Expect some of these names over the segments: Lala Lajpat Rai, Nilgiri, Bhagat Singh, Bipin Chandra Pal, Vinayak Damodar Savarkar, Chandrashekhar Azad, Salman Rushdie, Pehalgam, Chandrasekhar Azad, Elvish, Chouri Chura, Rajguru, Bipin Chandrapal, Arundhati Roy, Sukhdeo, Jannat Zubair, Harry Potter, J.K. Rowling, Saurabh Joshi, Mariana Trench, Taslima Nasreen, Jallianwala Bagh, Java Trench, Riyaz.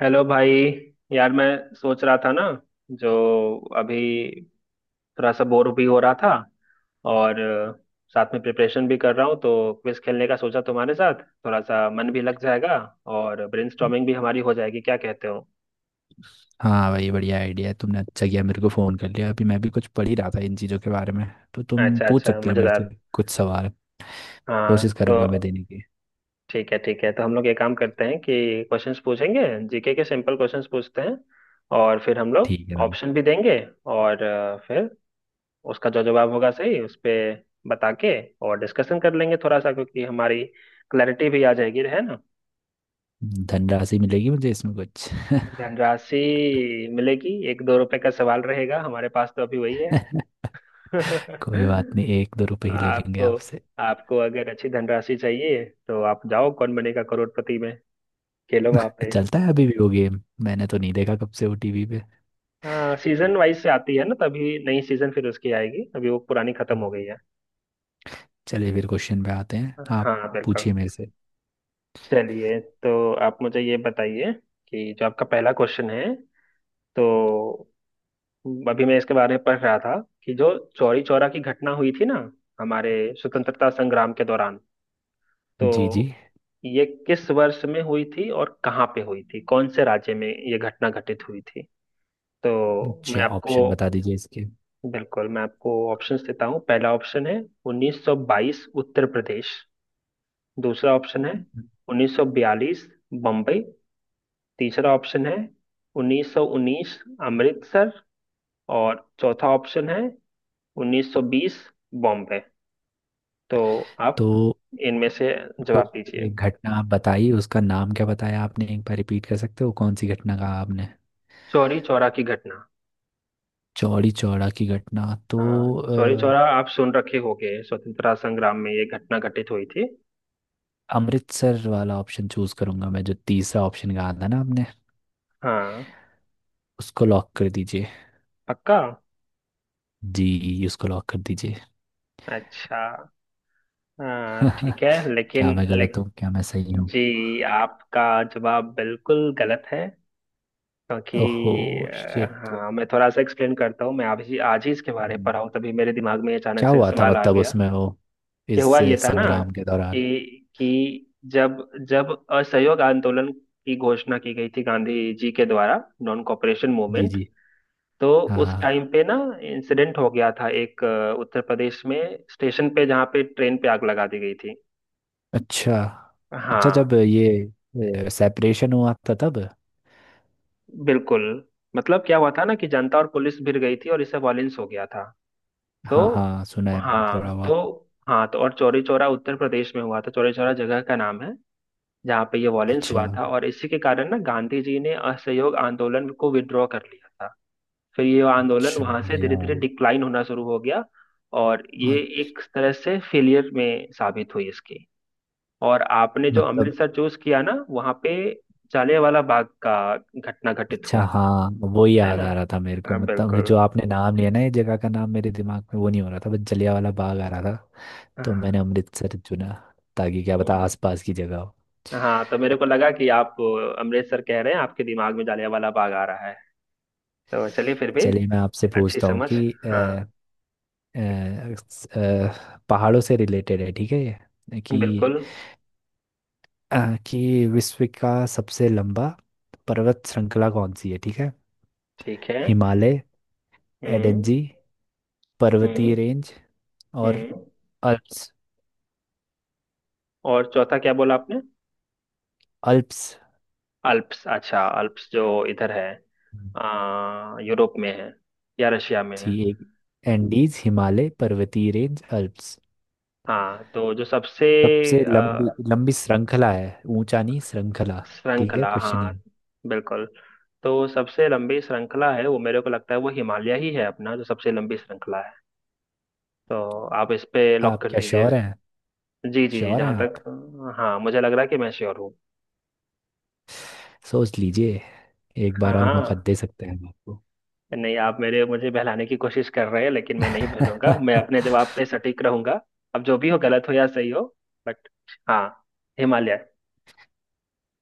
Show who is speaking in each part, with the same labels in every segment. Speaker 1: Hello भाई। यार मैं सोच रहा था ना, जो अभी थोड़ा सा बोर भी हो रहा था और साथ में प्रिपरेशन भी कर रहा हूँ तो क्विज खेलने का सोचा। तुम्हारे साथ थोड़ा सा मन भी लग जाएगा और ब्रेनस्टॉर्मिंग भी हमारी हो जाएगी, क्या कहते हो।
Speaker 2: हाँ भाई बढ़िया आइडिया है। तुमने अच्छा किया मेरे को फ़ोन कर लिया। अभी मैं भी कुछ पढ़ ही रहा था इन चीज़ों के बारे में। तो तुम
Speaker 1: अच्छा
Speaker 2: पूछ
Speaker 1: अच्छा,
Speaker 2: सकते हो मेरे से
Speaker 1: मजेदार।
Speaker 2: कुछ सवाल।
Speaker 1: हाँ
Speaker 2: कोशिश करूंगा मैं
Speaker 1: तो
Speaker 2: देने की।
Speaker 1: ठीक है ठीक है, तो हम लोग ये काम करते हैं कि क्वेश्चंस पूछेंगे। जीके के सिंपल क्वेश्चंस पूछते हैं और फिर हम लोग
Speaker 2: ठीक है भाई।
Speaker 1: ऑप्शन भी देंगे और फिर उसका जो जवाब होगा सही उस पे बता के और डिस्कशन कर लेंगे थोड़ा सा, क्योंकि हमारी क्लैरिटी भी आ जाएगी, है ना।
Speaker 2: धनराशि मिलेगी मुझे इसमें कुछ?
Speaker 1: धनराशि मिलेगी एक दो रुपए का सवाल रहेगा हमारे पास, तो अभी वही है।
Speaker 2: कोई बात नहीं, एक दो रुपए ही ले लेंगे
Speaker 1: आपको
Speaker 2: आपसे।
Speaker 1: आपको अगर अच्छी धनराशि चाहिए तो आप जाओ कौन बनेगा करोड़पति में, खेलो वहां पे।
Speaker 2: चलता है अभी भी वो गेम? मैंने तो नहीं देखा कब से वो टीवी पे।
Speaker 1: हाँ सीजन वाइज से आती है ना, तभी नई सीजन फिर उसकी आएगी, अभी वो पुरानी खत्म हो गई
Speaker 2: हम्म।
Speaker 1: है।
Speaker 2: चलिए फिर क्वेश्चन पे आते हैं। आप
Speaker 1: हाँ बिल्कुल।
Speaker 2: पूछिए मेरे से।
Speaker 1: चलिए तो आप मुझे ये बताइए कि जो आपका पहला क्वेश्चन है, तो अभी मैं इसके बारे में पढ़ रहा था कि जो चौरी चौरा की घटना हुई थी ना हमारे स्वतंत्रता संग्राम के दौरान,
Speaker 2: जी
Speaker 1: तो
Speaker 2: जी।
Speaker 1: ये किस वर्ष में हुई थी और कहाँ पे हुई थी, कौन से राज्य में ये घटना घटित हुई थी। तो मैं
Speaker 2: अच्छा, ऑप्शन
Speaker 1: आपको
Speaker 2: बता दीजिए इसके।
Speaker 1: बिल्कुल मैं आपको ऑप्शंस देता हूँ। पहला ऑप्शन है 1922 उत्तर प्रदेश, दूसरा ऑप्शन है 1942 बम्बई, तीसरा ऑप्शन है 1919 अमृतसर, और चौथा ऑप्शन है 1920 बॉम्बे। तो आप
Speaker 2: तो।
Speaker 1: इनमें से
Speaker 2: तो
Speaker 1: जवाब दीजिए।
Speaker 2: ये घटना आप बताई उसका नाम क्या बताया आपने? एक बार रिपीट कर सकते हो? कौन सी घटना कहा आपने?
Speaker 1: चौरी चौरा की घटना।
Speaker 2: चौड़ी चौड़ा की घटना। तो
Speaker 1: हाँ चौरी
Speaker 2: अ,
Speaker 1: चौरा, आप सुन रखे होंगे, स्वतंत्रता संग्राम में ये घटना घटित हुई थी।
Speaker 2: अमृतसर वाला ऑप्शन चूज करूंगा मैं, जो तीसरा ऑप्शन कहा था ना आपने।
Speaker 1: हाँ।
Speaker 2: उसको लॉक कर दीजिए।
Speaker 1: पक्का।
Speaker 2: जी, उसको लॉक कर दीजिए।
Speaker 1: अच्छा। हाँ ठीक है
Speaker 2: क्या
Speaker 1: लेकिन
Speaker 2: मैं
Speaker 1: ले,
Speaker 2: गलत हूँ? क्या मैं सही हूँ?
Speaker 1: जी आपका जवाब बिल्कुल गलत है।
Speaker 2: ओहो।
Speaker 1: क्योंकि
Speaker 2: शिट।
Speaker 1: हाँ मैं थोड़ा सा एक्सप्लेन करता हूँ। मैं आज ही इसके बारे में पढ़ा हूँ, तभी मेरे दिमाग में अचानक
Speaker 2: क्या
Speaker 1: से
Speaker 2: हुआ था?
Speaker 1: सवाल आ
Speaker 2: मतलब
Speaker 1: गया।
Speaker 2: उसमें वो
Speaker 1: ये
Speaker 2: इस
Speaker 1: हुआ ये था ना
Speaker 2: संग्राम के
Speaker 1: कि
Speaker 2: दौरान।
Speaker 1: कि जब जब असहयोग आंदोलन की घोषणा की गई थी गांधी जी के द्वारा, नॉन कॉपरेशन
Speaker 2: जी
Speaker 1: मूवमेंट।
Speaker 2: जी।
Speaker 1: तो
Speaker 2: हाँ
Speaker 1: उस
Speaker 2: हाँ।
Speaker 1: टाइम पे ना इंसिडेंट हो गया था एक उत्तर प्रदेश में स्टेशन पे, जहाँ पे ट्रेन पे आग लगा दी गई थी।
Speaker 2: अच्छा। अच्छा जब
Speaker 1: हाँ।
Speaker 2: ये सेपरेशन हुआ था तब।
Speaker 1: बिल्कुल। मतलब क्या हुआ था ना, कि जनता और पुलिस भिड़ गई थी और इससे वॉयलेंस हो गया था। तो
Speaker 2: हाँ हाँ, सुना है मैंने
Speaker 1: हाँ
Speaker 2: थोड़ा
Speaker 1: तो
Speaker 2: बहुत।
Speaker 1: हाँ तो और चौरी चौरा उत्तर प्रदेश में हुआ था, चौरी चौरा जगह का नाम है जहाँ पे ये वॉयलेंस
Speaker 2: अच्छा।
Speaker 1: हुआ था, और इसी के कारण ना गांधी जी ने असहयोग आंदोलन को विड्रॉ कर लिया था। फिर ये आंदोलन
Speaker 2: अच्छा
Speaker 1: वहां से
Speaker 2: बढ़िया
Speaker 1: धीरे धीरे
Speaker 2: भाई।
Speaker 1: डिक्लाइन होना शुरू हो गया और ये
Speaker 2: हाँ,
Speaker 1: एक तरह से फेलियर में साबित हुई इसकी। और आपने जो
Speaker 2: मतलब
Speaker 1: अमृतसर चूज किया ना, वहां पे जलियांवाला बाग का घटना घटित
Speaker 2: अच्छा
Speaker 1: हुआ था,
Speaker 2: हाँ। वो ही
Speaker 1: है
Speaker 2: याद
Speaker 1: ना।
Speaker 2: आ रहा था मेरे को,
Speaker 1: हाँ,
Speaker 2: मतलब
Speaker 1: बिल्कुल।
Speaker 2: जो आपने नाम लिया ना, ये जगह का नाम मेरे दिमाग में वो नहीं हो रहा था, बस जलियांवाला बाग आ रहा था। तो मैंने अमृतसर चुना, ताकि क्या पता आसपास की जगह हो।
Speaker 1: हाँ तो मेरे को लगा कि आप अमृतसर कह रहे हैं, आपके दिमाग में जलियांवाला बाग आ रहा है। तो चलिए फिर भी,
Speaker 2: चलिए मैं आपसे
Speaker 1: अच्छी
Speaker 2: पूछता हूँ
Speaker 1: समझ।
Speaker 2: कि
Speaker 1: हाँ
Speaker 2: अ, पहाड़ों से रिलेटेड है, ठीक है ये, कि
Speaker 1: बिल्कुल
Speaker 2: अ, कि विश्व का सबसे लंबा पर्वत श्रृंखला कौन सी है? ठीक है।
Speaker 1: ठीक है।
Speaker 2: हिमालय,
Speaker 1: हम्म।
Speaker 2: एडेंजी पर्वतीय
Speaker 1: हम्म।
Speaker 2: रेंज और
Speaker 1: हम्म।
Speaker 2: अल्प्स।
Speaker 1: और चौथा क्या बोला आपने।
Speaker 2: अल्प्स।
Speaker 1: अल्प्स। अच्छा, अल्प्स जो इधर है, यूरोप में है या रशिया में
Speaker 2: जी
Speaker 1: है।
Speaker 2: एक। एंडीज, हिमालय पर्वतीय रेंज, अल्प्स।
Speaker 1: हाँ तो जो सबसे
Speaker 2: सबसे लंबी,
Speaker 1: आ,
Speaker 2: लंबी श्रृंखला है। ऊंचा नहीं, श्रृंखला। ठीक है
Speaker 1: श्रृंखला।
Speaker 2: क्वेश्चन ही।
Speaker 1: हाँ बिल्कुल। तो सबसे लंबी श्रृंखला है वो, मेरे को लगता है वो हिमालय ही है अपना, जो सबसे लंबी श्रृंखला है। तो आप इस पे लॉक
Speaker 2: आप
Speaker 1: कर
Speaker 2: क्या
Speaker 1: दीजिए।
Speaker 2: श्योर हैं?
Speaker 1: जी जी जी
Speaker 2: श्योर हैं
Speaker 1: जहाँ
Speaker 2: आप?
Speaker 1: तक। हाँ मुझे लग रहा है कि मैं श्योर हूँ।
Speaker 2: सोच लीजिए, एक
Speaker 1: हाँ
Speaker 2: बार और मौका
Speaker 1: हाँ।
Speaker 2: दे सकते हैं हम
Speaker 1: नहीं आप मेरे मुझे बहलाने की कोशिश कर रहे हैं, लेकिन मैं नहीं बहलूंगा,
Speaker 2: आपको।
Speaker 1: मैं अपने जवाब पे सटीक रहूंगा। अब जो भी हो, गलत हो या सही हो, बट हाँ, हिमालय।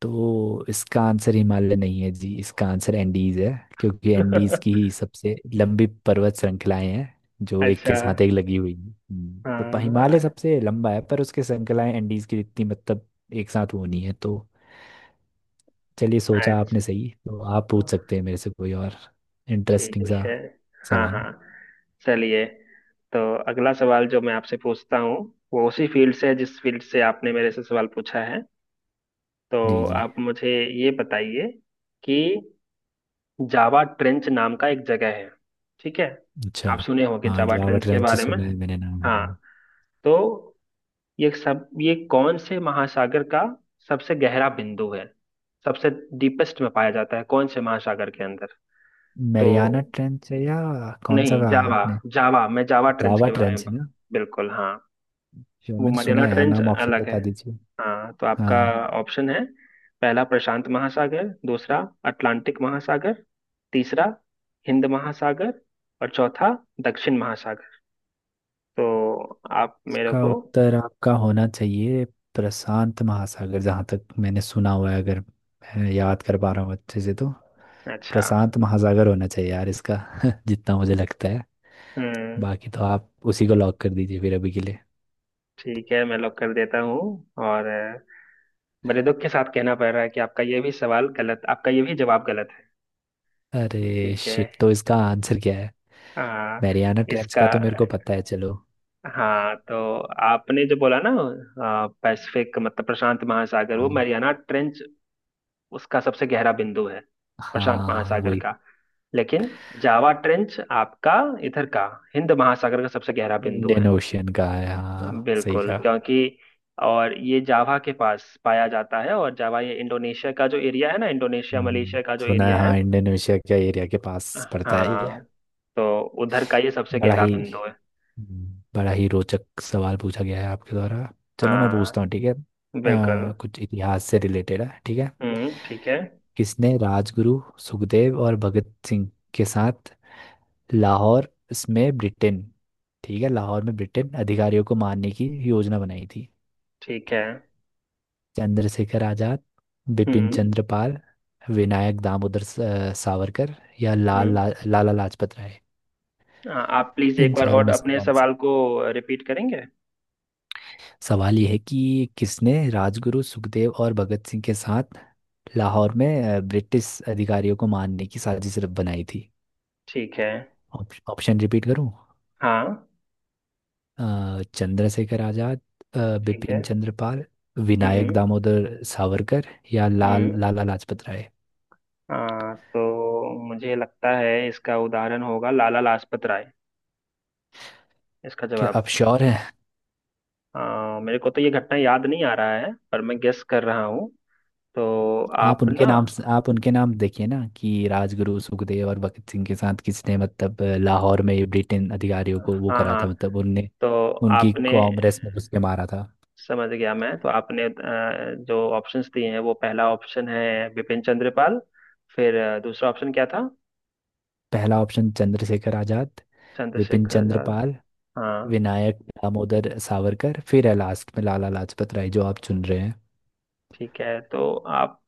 Speaker 2: तो इसका आंसर हिमालय नहीं है जी, इसका आंसर एंडीज है। क्योंकि एंडीज की ही सबसे लंबी पर्वत श्रृंखलाएं हैं जो एक
Speaker 1: अच्छा।
Speaker 2: के साथ एक लगी हुई हैं। तो हिमालय
Speaker 1: हाँ।
Speaker 2: सबसे लंबा है, पर उसके श्रृंखलाएं एंडीज की इतनी मतलब एक साथ वो नहीं है तो। चलिए, सोचा आपने
Speaker 1: अच्छा
Speaker 2: सही, तो आप पूछ सकते हैं मेरे से कोई और इंटरेस्टिंग
Speaker 1: ठीक
Speaker 2: सा
Speaker 1: है। हाँ
Speaker 2: सवाल।
Speaker 1: हाँ। चलिए, तो अगला सवाल जो मैं आपसे पूछता हूँ, वो उसी फील्ड से है जिस फील्ड से आपने मेरे से सवाल पूछा है। तो
Speaker 2: जी जी।
Speaker 1: आप मुझे ये बताइए कि जावा ट्रेंच नाम का एक जगह है, ठीक है।
Speaker 2: अच्छा।
Speaker 1: आप सुने होंगे
Speaker 2: हाँ
Speaker 1: जावा
Speaker 2: जावा
Speaker 1: ट्रेंच के
Speaker 2: ट्रेंच
Speaker 1: बारे में।
Speaker 2: सुना है मैंने नाम,
Speaker 1: हाँ।
Speaker 2: हाँ।
Speaker 1: तो ये सब ये कौन से महासागर का सबसे गहरा बिंदु है, सबसे डीपेस्ट में पाया जाता है कौन से महासागर के अंदर। तो
Speaker 2: मैरियाना ट्रेंच है? या कौन सा
Speaker 1: नहीं,
Speaker 2: कहा
Speaker 1: जावा,
Speaker 2: आपने?
Speaker 1: जावा, मैं जावा ट्रेंच
Speaker 2: जावा
Speaker 1: के बारे में
Speaker 2: ट्रेंच
Speaker 1: बिल्कुल हाँ।
Speaker 2: जो
Speaker 1: वो
Speaker 2: मैंने सुना
Speaker 1: मरियाना
Speaker 2: है यार
Speaker 1: ट्रेंच
Speaker 2: नाम। ऑप्शन
Speaker 1: अलग है।
Speaker 2: बता दीजिए।
Speaker 1: हाँ तो आपका
Speaker 2: हाँ।
Speaker 1: ऑप्शन है पहला प्रशांत महासागर, दूसरा अटलांटिक महासागर, तीसरा हिंद महासागर, और चौथा दक्षिण महासागर। तो आप मेरे
Speaker 2: इसका
Speaker 1: को।
Speaker 2: उत्तर आपका होना चाहिए प्रशांत महासागर, जहाँ तक मैंने सुना हुआ है। अगर मैं याद कर पा रहा हूँ अच्छे से तो
Speaker 1: अच्छा।
Speaker 2: प्रशांत महासागर होना चाहिए यार इसका। जितना मुझे लगता है।
Speaker 1: हम्म
Speaker 2: बाकी तो आप उसी को लॉक कर दीजिए फिर अभी के लिए।
Speaker 1: ठीक है, मैं लॉक कर देता हूँ। और बड़े दुख के साथ कहना पड़ रहा है कि आपका ये भी सवाल गलत, आपका ये भी जवाब गलत है।
Speaker 2: अरे
Speaker 1: ठीक है।
Speaker 2: शिट। तो इसका आंसर क्या है?
Speaker 1: आ,
Speaker 2: मैरियाना ट्रेंच
Speaker 1: इसका,
Speaker 2: का तो मेरे को पता है, चलो।
Speaker 1: हाँ तो आपने जो बोला ना, पैसिफिक मतलब प्रशांत महासागर, वो
Speaker 2: हाँ
Speaker 1: मरियाना ट्रेंच उसका सबसे गहरा बिंदु है, प्रशांत
Speaker 2: हाँ
Speaker 1: महासागर
Speaker 2: वही।
Speaker 1: का। लेकिन जावा ट्रेंच आपका इधर का, हिंद महासागर का सबसे गहरा बिंदु है।
Speaker 2: इंडियन ओशियन का है, हाँ सही
Speaker 1: बिल्कुल
Speaker 2: कहा।
Speaker 1: क्योंकि और ये जावा के पास पाया जाता है, और जावा ये इंडोनेशिया का जो एरिया है ना, इंडोनेशिया
Speaker 2: हम्म,
Speaker 1: मलेशिया का जो
Speaker 2: सुना है
Speaker 1: एरिया है।
Speaker 2: हाँ, इंडोनेशिया के एरिया के पास पड़ता है ये।
Speaker 1: हाँ। तो उधर का ये सबसे
Speaker 2: बड़ा
Speaker 1: गहरा
Speaker 2: ही।
Speaker 1: बिंदु है।
Speaker 2: बड़ा ही रोचक सवाल पूछा गया है आपके द्वारा। चलो मैं पूछता
Speaker 1: हाँ
Speaker 2: हूँ, ठीक है।
Speaker 1: बिल्कुल।
Speaker 2: कुछ इतिहास से रिलेटेड है, ठीक है।
Speaker 1: ठीक है।
Speaker 2: किसने राजगुरु सुखदेव और भगत सिंह के साथ लाहौर इसमें ब्रिटेन ठीक है, लाहौर में ब्रिटेन अधिकारियों को मारने की योजना बनाई थी?
Speaker 1: ठीक है।
Speaker 2: चंद्रशेखर आजाद, बिपिन
Speaker 1: हम्म।
Speaker 2: चंद्र पाल, विनायक दामोदर सावरकर, या
Speaker 1: हम्म।
Speaker 2: लाला लाजपत राय।
Speaker 1: आप प्लीज एक
Speaker 2: इन
Speaker 1: बार
Speaker 2: चारों
Speaker 1: और
Speaker 2: में से
Speaker 1: अपने
Speaker 2: कौन सा?
Speaker 1: सवाल को रिपीट करेंगे।
Speaker 2: सवाल यह है कि किसने राजगुरु सुखदेव और भगत सिंह के साथ लाहौर में ब्रिटिश अधिकारियों को मारने की साजिश बनाई थी?
Speaker 1: ठीक है।
Speaker 2: ऑप्शन रिपीट करूं?
Speaker 1: हाँ।
Speaker 2: चंद्रशेखर आजाद,
Speaker 1: ठीक है।
Speaker 2: बिपिन चंद्र पाल, विनायक
Speaker 1: हम्म।
Speaker 2: दामोदर सावरकर, या
Speaker 1: हम्म।
Speaker 2: लाला लाजपत राय।
Speaker 1: हाँ तो मुझे लगता है इसका उदाहरण होगा लाला लाजपत राय, इसका
Speaker 2: क्या
Speaker 1: जवाब।
Speaker 2: आप श्योर हैं?
Speaker 1: मेरे को तो ये घटना याद नहीं आ रहा है, पर मैं गेस कर रहा हूँ। तो आप ना।
Speaker 2: आप उनके नाम देखिए ना, कि राजगुरु सुखदेव और भगत सिंह के साथ किसने, मतलब लाहौर में ब्रिटेन अधिकारियों को वो
Speaker 1: हाँ
Speaker 2: करा
Speaker 1: हाँ।
Speaker 2: था, मतलब उनने
Speaker 1: तो
Speaker 2: उनकी
Speaker 1: आपने,
Speaker 2: कांग्रेस में घुस के मारा था।
Speaker 1: समझ गया मैं, तो आपने जो ऑप्शंस दिए हैं वो पहला ऑप्शन है बिपिन चंद्रपाल, फिर दूसरा ऑप्शन क्या था।
Speaker 2: पहला ऑप्शन चंद्रशेखर आजाद, विपिन
Speaker 1: चंद्रशेखर
Speaker 2: चंद्र
Speaker 1: आजाद।
Speaker 2: पाल,
Speaker 1: हाँ।
Speaker 2: विनायक दामोदर सावरकर, फिर है लास्ट में लाला लाजपत राय जो आप चुन रहे हैं।
Speaker 1: ठीक है तो आप,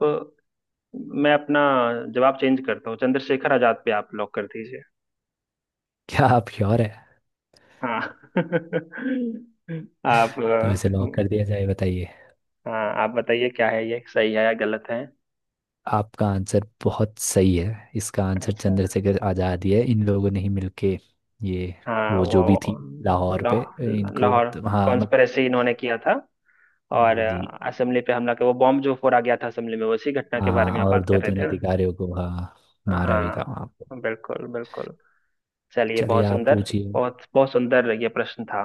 Speaker 1: मैं अपना जवाब चेंज करता हूँ, चंद्रशेखर आजाद पे आप लॉक कर दीजिए।
Speaker 2: क्या आप श्योर है?
Speaker 1: हाँ। आप
Speaker 2: तो इसे लॉक कर दिया जाए, बताइए।
Speaker 1: हाँ आप बताइए क्या है, ये सही है या गलत है।
Speaker 2: आपका आंसर बहुत सही है, इसका आंसर
Speaker 1: अच्छा।
Speaker 2: चंद्रशेखर आजाद ही है। इन लोगों ने ही मिलके ये,
Speaker 1: हाँ
Speaker 2: वो
Speaker 1: वो,
Speaker 2: जो भी थी लाहौर पे।
Speaker 1: लाहौर,
Speaker 2: इनको
Speaker 1: लाहौर
Speaker 2: तो, हाँ मत,
Speaker 1: कॉन्स्पिरेसी इन्होंने किया था। और
Speaker 2: जी जी।
Speaker 1: असेंबली पे हमला के वो बॉम्ब जो फोड़ा गया था असेंबली में, उसी घटना
Speaker 2: हाँ
Speaker 1: के बारे
Speaker 2: हाँ,
Speaker 1: में आप
Speaker 2: और
Speaker 1: बात
Speaker 2: दो
Speaker 1: कर रहे
Speaker 2: तीन
Speaker 1: थे ना।
Speaker 2: अधिकारियों को, हाँ मारा भी था वहाँ पे।
Speaker 1: हाँ बिल्कुल बिल्कुल। चलिए
Speaker 2: चलिए
Speaker 1: बहुत
Speaker 2: आप
Speaker 1: सुंदर,
Speaker 2: पूछिए।
Speaker 1: बहुत बहुत सुंदर ये प्रश्न था।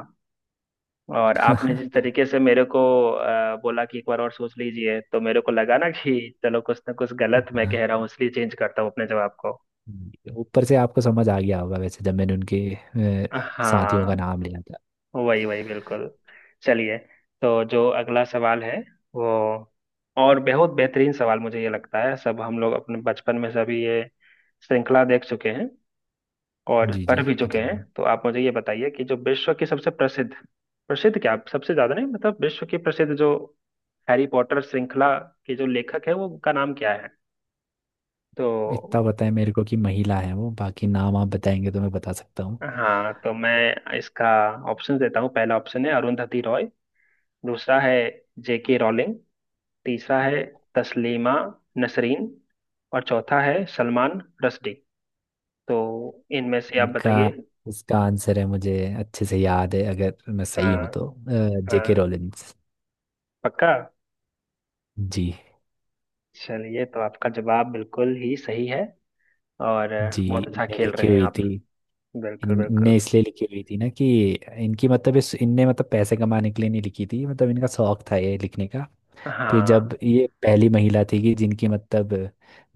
Speaker 1: और आपने
Speaker 2: हाँ,
Speaker 1: जिस तरीके से मेरे को बोला कि एक बार और सोच लीजिए, तो मेरे को लगा ना कि चलो कुछ ना कुछ गलत मैं कह रहा हूँ, इसलिए चेंज करता हूँ अपने जवाब को।
Speaker 2: जी, ऊपर से आपको समझ आ गया होगा वैसे, जब मैंने उनके अ, साथियों
Speaker 1: हाँ
Speaker 2: का नाम लिया था।
Speaker 1: वही वही बिल्कुल। चलिए, तो जो अगला सवाल है वो, और बहुत बेहतरीन सवाल मुझे ये लगता है, सब हम लोग अपने बचपन में सभी ये श्रृंखला देख चुके हैं और
Speaker 2: जी जी
Speaker 1: पढ़ भी चुके हैं।
Speaker 2: बताइए।
Speaker 1: तो आप मुझे ये बताइए कि जो विश्व की सबसे प्रसिद्ध, प्रसिद्ध क्या, सबसे ज्यादा नहीं, मतलब विश्व की प्रसिद्ध जो हैरी पॉटर श्रृंखला के जो लेखक है, वो उनका नाम क्या है। तो
Speaker 2: इतना पता है मेरे को कि महिला है वो, बाकी नाम आप बताएंगे तो मैं बता सकता।
Speaker 1: हाँ तो मैं इसका ऑप्शन देता हूँ। पहला ऑप्शन है अरुंधति रॉय, दूसरा है जेके रॉलिंग, तीसरा है तस्लीमा नसरीन, और चौथा है सलमान रश्दी। तो इनमें से आप
Speaker 2: इनका।
Speaker 1: बताइए।
Speaker 2: इसका आंसर है, मुझे अच्छे से याद है अगर मैं सही
Speaker 1: हाँ।
Speaker 2: हूं तो, जेके
Speaker 1: हाँ।
Speaker 2: रोलिंस।
Speaker 1: पक्का।
Speaker 2: जी।
Speaker 1: चलिए तो आपका जवाब बिल्कुल ही सही है, और
Speaker 2: जी।
Speaker 1: बहुत अच्छा
Speaker 2: इनने
Speaker 1: खेल
Speaker 2: लिखी
Speaker 1: रहे हैं
Speaker 2: हुई
Speaker 1: आप।
Speaker 2: थी।
Speaker 1: बिल्कुल
Speaker 2: इनने
Speaker 1: बिल्कुल।
Speaker 2: इसलिए लिखी हुई थी ना कि इनकी मतलब इस इनने मतलब पैसे कमाने के लिए नहीं लिखी थी, मतलब इनका शौक था ये लिखने का। फिर
Speaker 1: हाँ
Speaker 2: जब ये पहली महिला थी कि जिनकी मतलब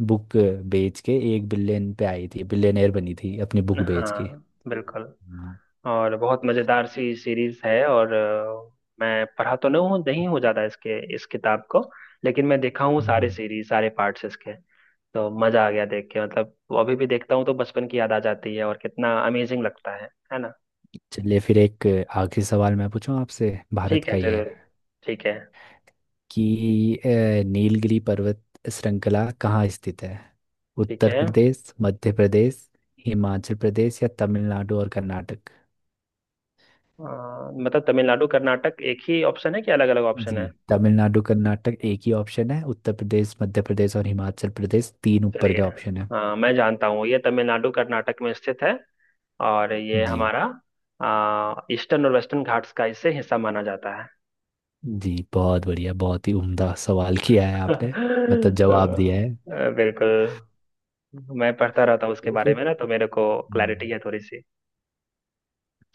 Speaker 2: बुक बेच के 1 बिलियन पे आई थी, बिलियनर बनी थी अपनी बुक बेच के।
Speaker 1: हाँ बिल्कुल।
Speaker 2: हम्म। हाँ।
Speaker 1: और बहुत मजेदार सी सीरीज है, और मैं पढ़ा तो नहीं हूँ, नहीं हूँ ज्यादा इसके, इस किताब को, लेकिन मैं देखा हूँ सारे
Speaker 2: हम्म।
Speaker 1: सीरीज सारे पार्ट्स इसके। तो मजा आ गया देख के, मतलब वो अभी भी देखता हूँ तो बचपन की याद आ जाती है और कितना अमेजिंग लगता है ना।
Speaker 2: चलिए फिर एक आखिरी सवाल मैं पूछूं आपसे, भारत
Speaker 1: ठीक है
Speaker 2: का ही है।
Speaker 1: जरूर। ठीक है
Speaker 2: कि नीलगिरी पर्वत श्रृंखला कहाँ स्थित है?
Speaker 1: ठीक
Speaker 2: उत्तर
Speaker 1: है।
Speaker 2: प्रदेश, मध्य प्रदेश, हिमाचल प्रदेश, या तमिलनाडु और कर्नाटक?
Speaker 1: अ, मतलब तमिलनाडु कर्नाटक एक ही ऑप्शन है कि अलग अलग ऑप्शन
Speaker 2: जी।
Speaker 1: है।
Speaker 2: तमिलनाडु कर्नाटक एक ही ऑप्शन है। उत्तर प्रदेश, मध्य प्रदेश और हिमाचल प्रदेश तीन ऊपर
Speaker 1: चलिए।
Speaker 2: के ऑप्शन है।
Speaker 1: हाँ मैं जानता हूँ ये तमिलनाडु कर्नाटक में स्थित है, और ये
Speaker 2: जी।
Speaker 1: हमारा ईस्टर्न और वेस्टर्न घाट्स का इससे हिस्सा माना जाता है।
Speaker 2: जी बहुत बढ़िया, बहुत ही उम्दा सवाल किया है आपने,
Speaker 1: अ,
Speaker 2: मतलब जवाब दिया है।
Speaker 1: बिल्कुल, मैं पढ़ता रहता हूँ उसके
Speaker 2: तो
Speaker 1: बारे
Speaker 2: फिर
Speaker 1: में ना तो मेरे को क्लैरिटी
Speaker 2: हम्म,
Speaker 1: है थोड़ी सी।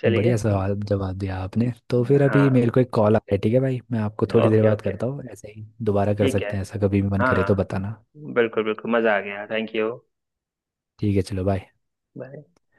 Speaker 1: चलिए।
Speaker 2: बढ़िया सवाल जवाब दिया आपने। तो फिर अभी मेरे
Speaker 1: हाँ।
Speaker 2: को एक कॉल आ रहा है, ठीक है भाई मैं आपको थोड़ी देर
Speaker 1: ओके
Speaker 2: बाद
Speaker 1: ओके।
Speaker 2: करता हूँ ऐसे ही। दोबारा कर
Speaker 1: ठीक है।
Speaker 2: सकते हैं, ऐसा कभी भी मन
Speaker 1: हाँ
Speaker 2: करे तो बताना।
Speaker 1: हाँ बिल्कुल बिल्कुल, मज़ा आ गया, थैंक यू।
Speaker 2: ठीक है, चलो बाय।
Speaker 1: बाय।